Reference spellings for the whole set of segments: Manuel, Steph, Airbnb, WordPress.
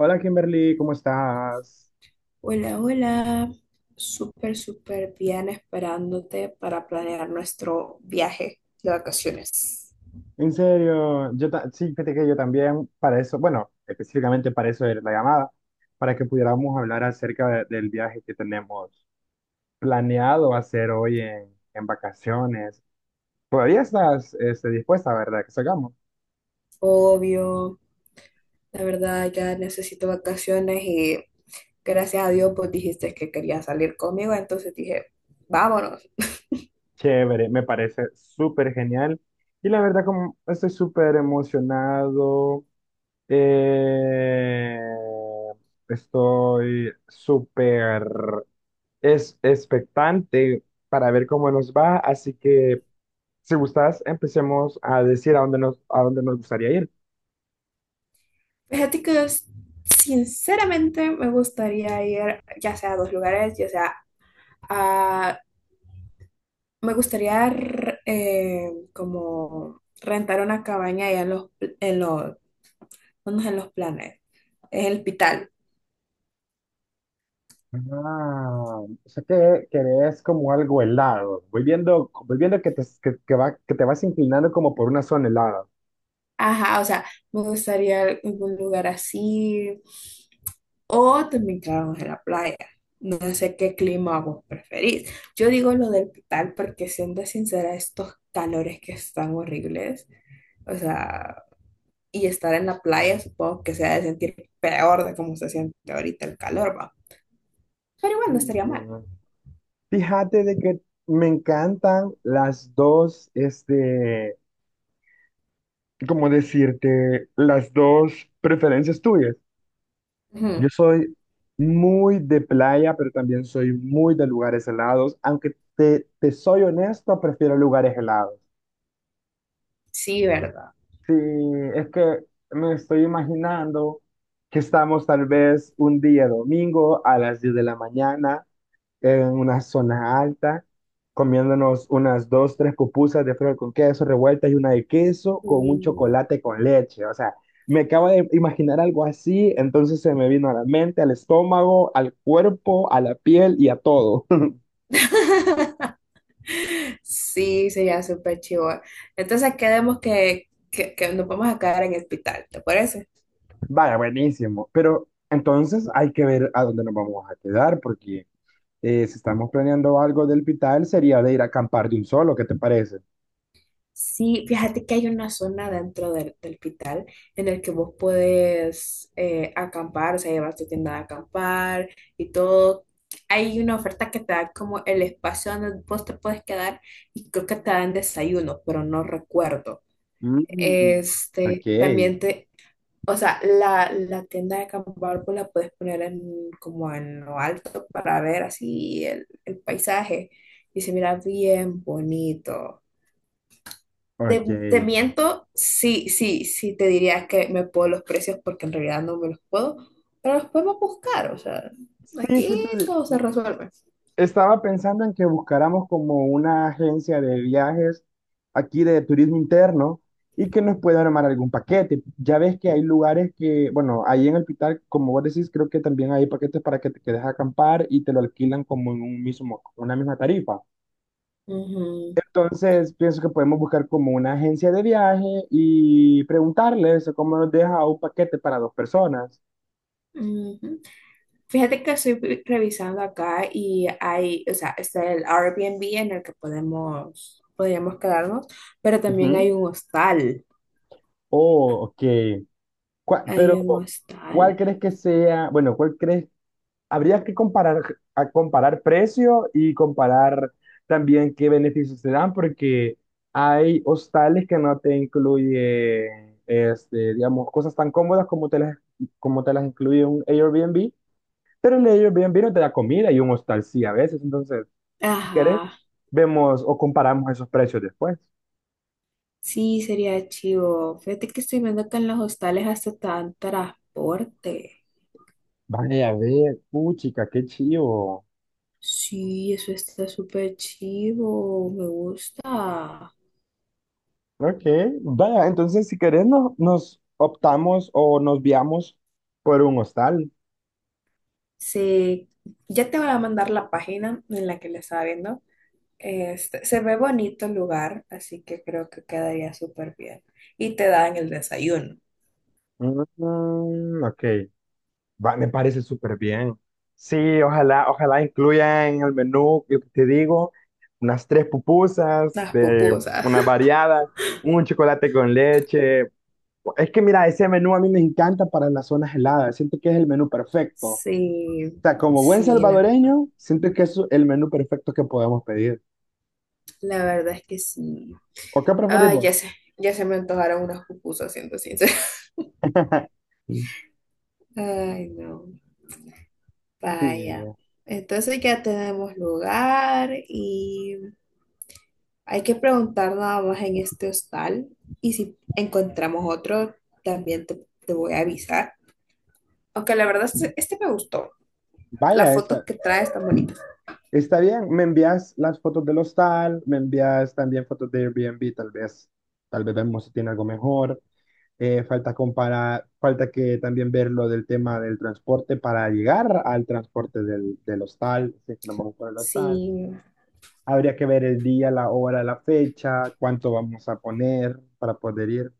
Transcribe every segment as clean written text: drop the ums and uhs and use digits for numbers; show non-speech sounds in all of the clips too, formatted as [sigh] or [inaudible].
Hola Kimberly, ¿cómo estás? Hola, hola. Súper, súper bien esperándote para planear nuestro viaje de vacaciones. En serio, sí, fíjate que yo también para eso, bueno, específicamente para eso era la llamada, para que pudiéramos hablar acerca del viaje que tenemos planeado hacer hoy en vacaciones. Todavía estás dispuesta, ¿verdad? Que salgamos. Obvio, la verdad ya necesito vacaciones y gracias a Dios pues dijiste que querías salir conmigo, entonces dije, vámonos. Chévere, me parece súper genial. Y la verdad, como estoy súper emocionado. Eh, estoy súper es expectante para ver cómo nos va, así que si gustas, empecemos a decir a dónde nos gustaría ir. Fíjate que sinceramente me gustaría ir ya sea a dos lugares, ya sea a... Me gustaría como rentar una cabaña allá en los unos en los planes, en el hospital. Ah, o sea que querés como algo helado. Voy viendo que te, que va, que te vas inclinando como por una zona helada. Ajá, o sea, me gustaría algún lugar así. O también quedarnos en la playa. No sé qué clima vos preferís. Yo digo lo del hospital porque, siendo sincera, estos calores que están horribles, o sea, y estar en la playa supongo que se ha de sentir peor de cómo se siente ahorita el calor, va. Pero igual no estaría mal. Sí. Fíjate de que me encantan las dos, este, ¿cómo decirte? Las dos preferencias tuyas. Yo Ujú. soy muy de playa, pero también soy muy de lugares helados. Aunque te soy honesto, prefiero lugares helados. Sí, ¿verdad? Sí, es que me estoy imaginando que estamos tal vez un día domingo a las 10 de la mañana en una zona alta, comiéndonos unas dos, tres pupusas de frijol con queso revueltas y una de queso con un Uh. chocolate con leche. O sea, me acabo de imaginar algo así, entonces se me vino a la mente, al estómago, al cuerpo, a la piel y a todo. [laughs] Sí, sería súper chivo. Entonces quedemos que nos vamos a quedar en el hospital, ¿te parece? [laughs] Vaya, buenísimo. Pero entonces hay que ver a dónde nos vamos a quedar, porque si estamos planeando algo del Pital, sería de ir a acampar de un solo, ¿qué te parece? Sí, fíjate que hay una zona dentro del hospital en el que vos podés acampar, o sea, llevar tu tienda de acampar y todo. Hay una oferta que te da como el espacio donde vos te puedes quedar y creo que te dan desayuno, pero no recuerdo. Mm, ok, Este, también te, o sea, la tienda de acampar pues la puedes poner en, como en lo alto para ver así el paisaje y se mira bien bonito. Te, ok. te miento, sí, sí, sí, te diría que me puedo los precios porque en realidad no me los puedo, pero los podemos buscar, o sea, Sí, aquí fíjate, todo se resuelve. estaba pensando en que buscáramos como una agencia de viajes aquí de turismo interno y que nos pueda armar algún paquete. Ya ves que hay lugares que, bueno, ahí en el Pitar, como vos decís, creo que también hay paquetes para que te quedes a acampar y te lo alquilan como en un mismo, una misma tarifa. Ujú, Entonces, pienso que podemos buscar como una agencia de viaje y preguntarles cómo nos deja un paquete para dos personas. ujú. Fíjate que estoy revisando acá y hay, o sea, está el Airbnb en el que podemos, podríamos quedarnos, pero también Ujú. hay un hostal. Oh, ok. ¿Cuál- pero, Hay un ¿cuál hostal. crees que sea? Bueno, ¿cuál crees habría que comparar, a comparar precio y comparar también qué beneficios te dan, porque hay hostales que no te incluyen, este, digamos, cosas tan cómodas como te las incluye un Airbnb, pero el Airbnb no te da comida y un hostal sí a veces. Entonces, si querés, Ajá. vemos o comparamos esos precios después. Sí, sería chivo. Fíjate que estoy viendo que en los hostales hasta te dan transporte. Vaya, a ver, puchica, qué chivo. Sí, eso está súper chivo. Me gusta. Ok, vaya, entonces si querés nos optamos o nos viamos por un hostal. Sí, ya te voy a mandar la página en la que la estaba viendo. Este, se ve bonito el lugar, así que creo que quedaría súper bien. Y te dan el desayuno, Mm, ok, va, me parece súper bien. Sí, ojalá, ojalá incluyan en el menú, lo que te digo, unas tres pupusas, las de pupusas. una [laughs] variada, un chocolate con leche. Es que mira, ese menú a mí me encanta para las zonas heladas, siento que es el menú perfecto. O Sí, sea, como buen sí, la verdad. salvadoreño, siento que es el menú perfecto que podemos pedir. La verdad es que sí. ¿O qué Ay, preferimos? ya sé, ya se me antojaron unas pupusas, siendo sincera. [laughs] Sí. [laughs] Ay, no, Sí, vaya. Entonces ya tenemos lugar y hay que preguntar nada más en este hostal. Y si encontramos otro, también te voy a avisar. Aunque la verdad, este me gustó. Las vaya, fotos está, que trae están bonitas. está bien. Me envías las fotos del hostal, me envías también fotos de Airbnb, tal vez vemos si tiene algo mejor. Falta comparar, falta que también ver lo del tema del transporte para llegar al transporte del hostal, si es que nos vamos por el hostal. Sí. Habría que ver el día, la hora, la fecha, cuánto vamos a poner para poder ir.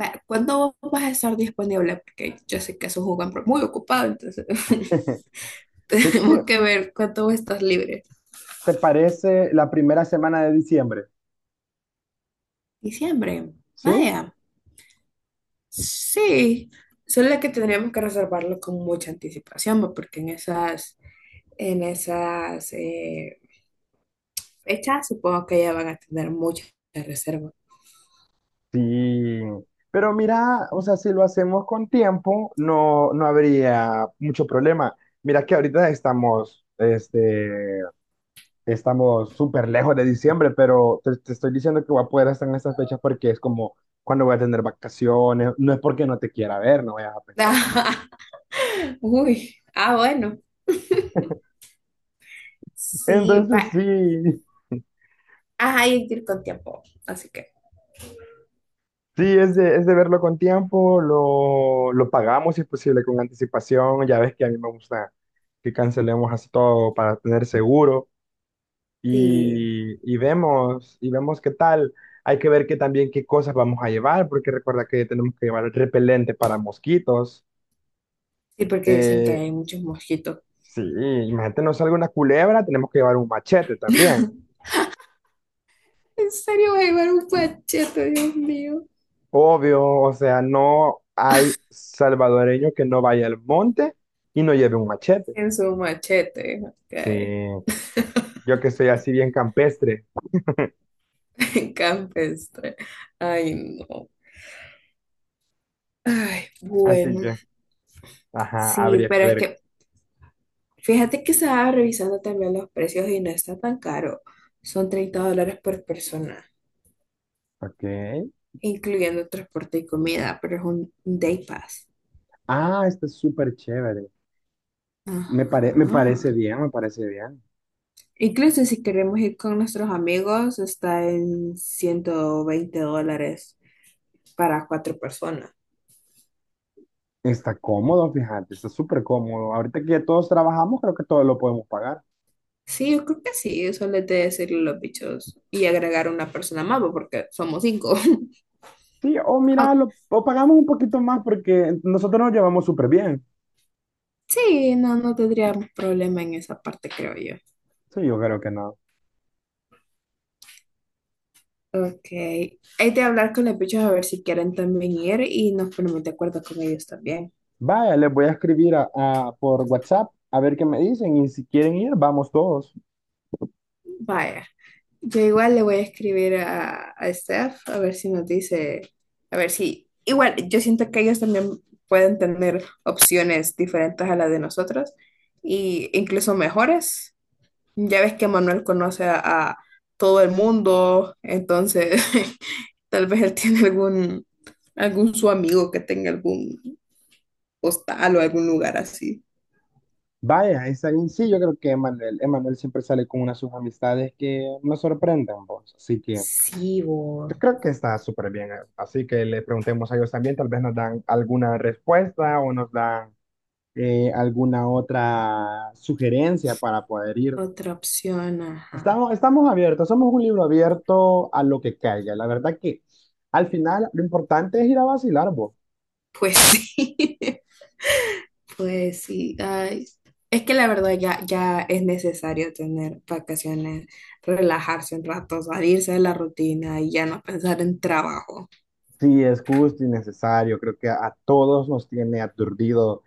Va, ¿cuándo vas a estar disponible? Porque yo sé que es un jugador muy ocupado, entonces [laughs] [laughs] Fíjate que, tenemos que ver cuándo estás libre. ¿te parece la primera semana de diciembre? Diciembre. ¿Sí? Vaya. Sí. Solo que tendríamos que reservarlo con mucha anticipación, ¿va? Porque en esas, en esas fechas supongo que ya van a tener muchas reservas. Sí, pero mira, o sea, si lo hacemos con tiempo, no, no habría mucho problema. Mira que ahorita estamos, este, estamos súper lejos de diciembre, pero te estoy diciendo que voy a poder estar en estas fechas porque es como cuando voy a tener vacaciones, no es porque no te quiera ver, no vayas a pensar mal. [laughs] Uy. Ah, bueno. [laughs] Sí, va. Entonces sí, Ajá, hay que ir con tiempo. Así que sí, es de verlo con tiempo, lo pagamos si es posible con anticipación, ya ves que a mí me gusta que cancelemos así todo para tener seguro. sí. Y vemos qué tal. Hay que ver que también qué cosas vamos a llevar, porque recuerda que tenemos que llevar repelente para mosquitos. Sí, porque dicen que Eh, hay muchos mosquitos. sí, imagínate, no salga una culebra, tenemos que llevar un machete también. ¿En serio va a llevar un machete, Dios mío? Obvio, o sea, no hay salvadoreño que no vaya al monte y no lleve un machete. En su machete, ok. Sí, yo que soy así bien campestre, [laughs] Campestre. Ay, no. Ay, así bueno. que, ajá, Sí, habría que pero es ver. que fíjate que estaba revisando también los precios y no está tan caro. Son $30 por persona, Ok. incluyendo transporte y comida, pero es un day pass. Ah, está súper chévere. Ajá. Me parece bien, me parece bien. Incluso si queremos ir con nuestros amigos, está en $120 para cuatro personas. Está cómodo, fíjate, está súper cómodo. Ahorita que ya todos trabajamos, creo que todos lo podemos pagar. Sí, yo creo que sí, eso les de decirle a los bichos y agregar una persona más, bo, porque somos cinco. [laughs] Sí, o mira, Ah, lo, o pagamos un poquito más porque nosotros nos llevamos súper bien. sí, no, no tendríamos problema en esa parte, creo yo. Sí, yo creo que no. Ok, hay de hablar con los bichos a ver si quieren también ir y nos ponemos de acuerdo con ellos también. Vaya, les voy a escribir por WhatsApp a ver qué me dicen y si quieren ir, vamos todos. Vaya, yo igual le voy a escribir a Steph a ver si nos dice, a ver si, igual, yo siento que ellos también pueden tener opciones diferentes a las de nosotros y incluso mejores. Ya ves que Manuel conoce a todo el mundo, entonces [laughs] tal vez él tiene algún, algún su amigo que tenga algún hostal o algún lugar así. Vaya, está bien. Sí, yo creo que Emanuel, Emanuel siempre sale con unas sus amistades que nos sorprenden, vos. Así que Sí, yo vos. creo que está súper bien. Así que le preguntemos a ellos también, tal vez nos dan alguna respuesta o nos dan alguna otra sugerencia para poder ir. Otra opción, ajá. Estamos abiertos, somos un libro abierto a lo que caiga. La verdad que al final lo importante es ir a vacilar, vos. Pues [laughs] sí, pues sí. Ay. Es que la verdad ya, ya es necesario tener vacaciones, relajarse un rato, salirse de la rutina y ya no pensar en trabajo. Sí, es justo y necesario. Creo que a todos nos tiene aturdido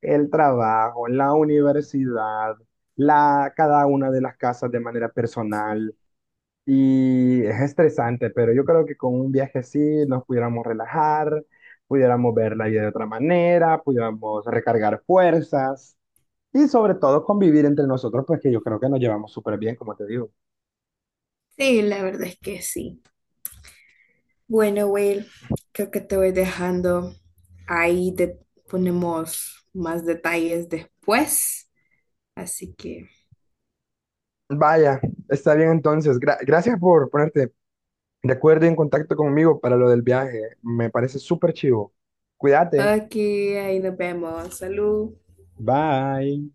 el trabajo, la universidad, cada una de las casas de manera personal. Y es estresante, pero yo creo que con un viaje así nos pudiéramos relajar, pudiéramos ver la vida de otra manera, pudiéramos recargar fuerzas y sobre todo convivir entre nosotros, pues que yo creo que nos llevamos súper bien, como te digo. Sí, la verdad es que sí. Bueno, Will, creo que te voy dejando. Ahí te ponemos más detalles después. Así que, Vaya, está bien entonces. Gracias por ponerte de acuerdo y en contacto conmigo para lo del viaje. Me parece súper chivo. Cuídate. aquí, ahí nos vemos. Salud. Bye.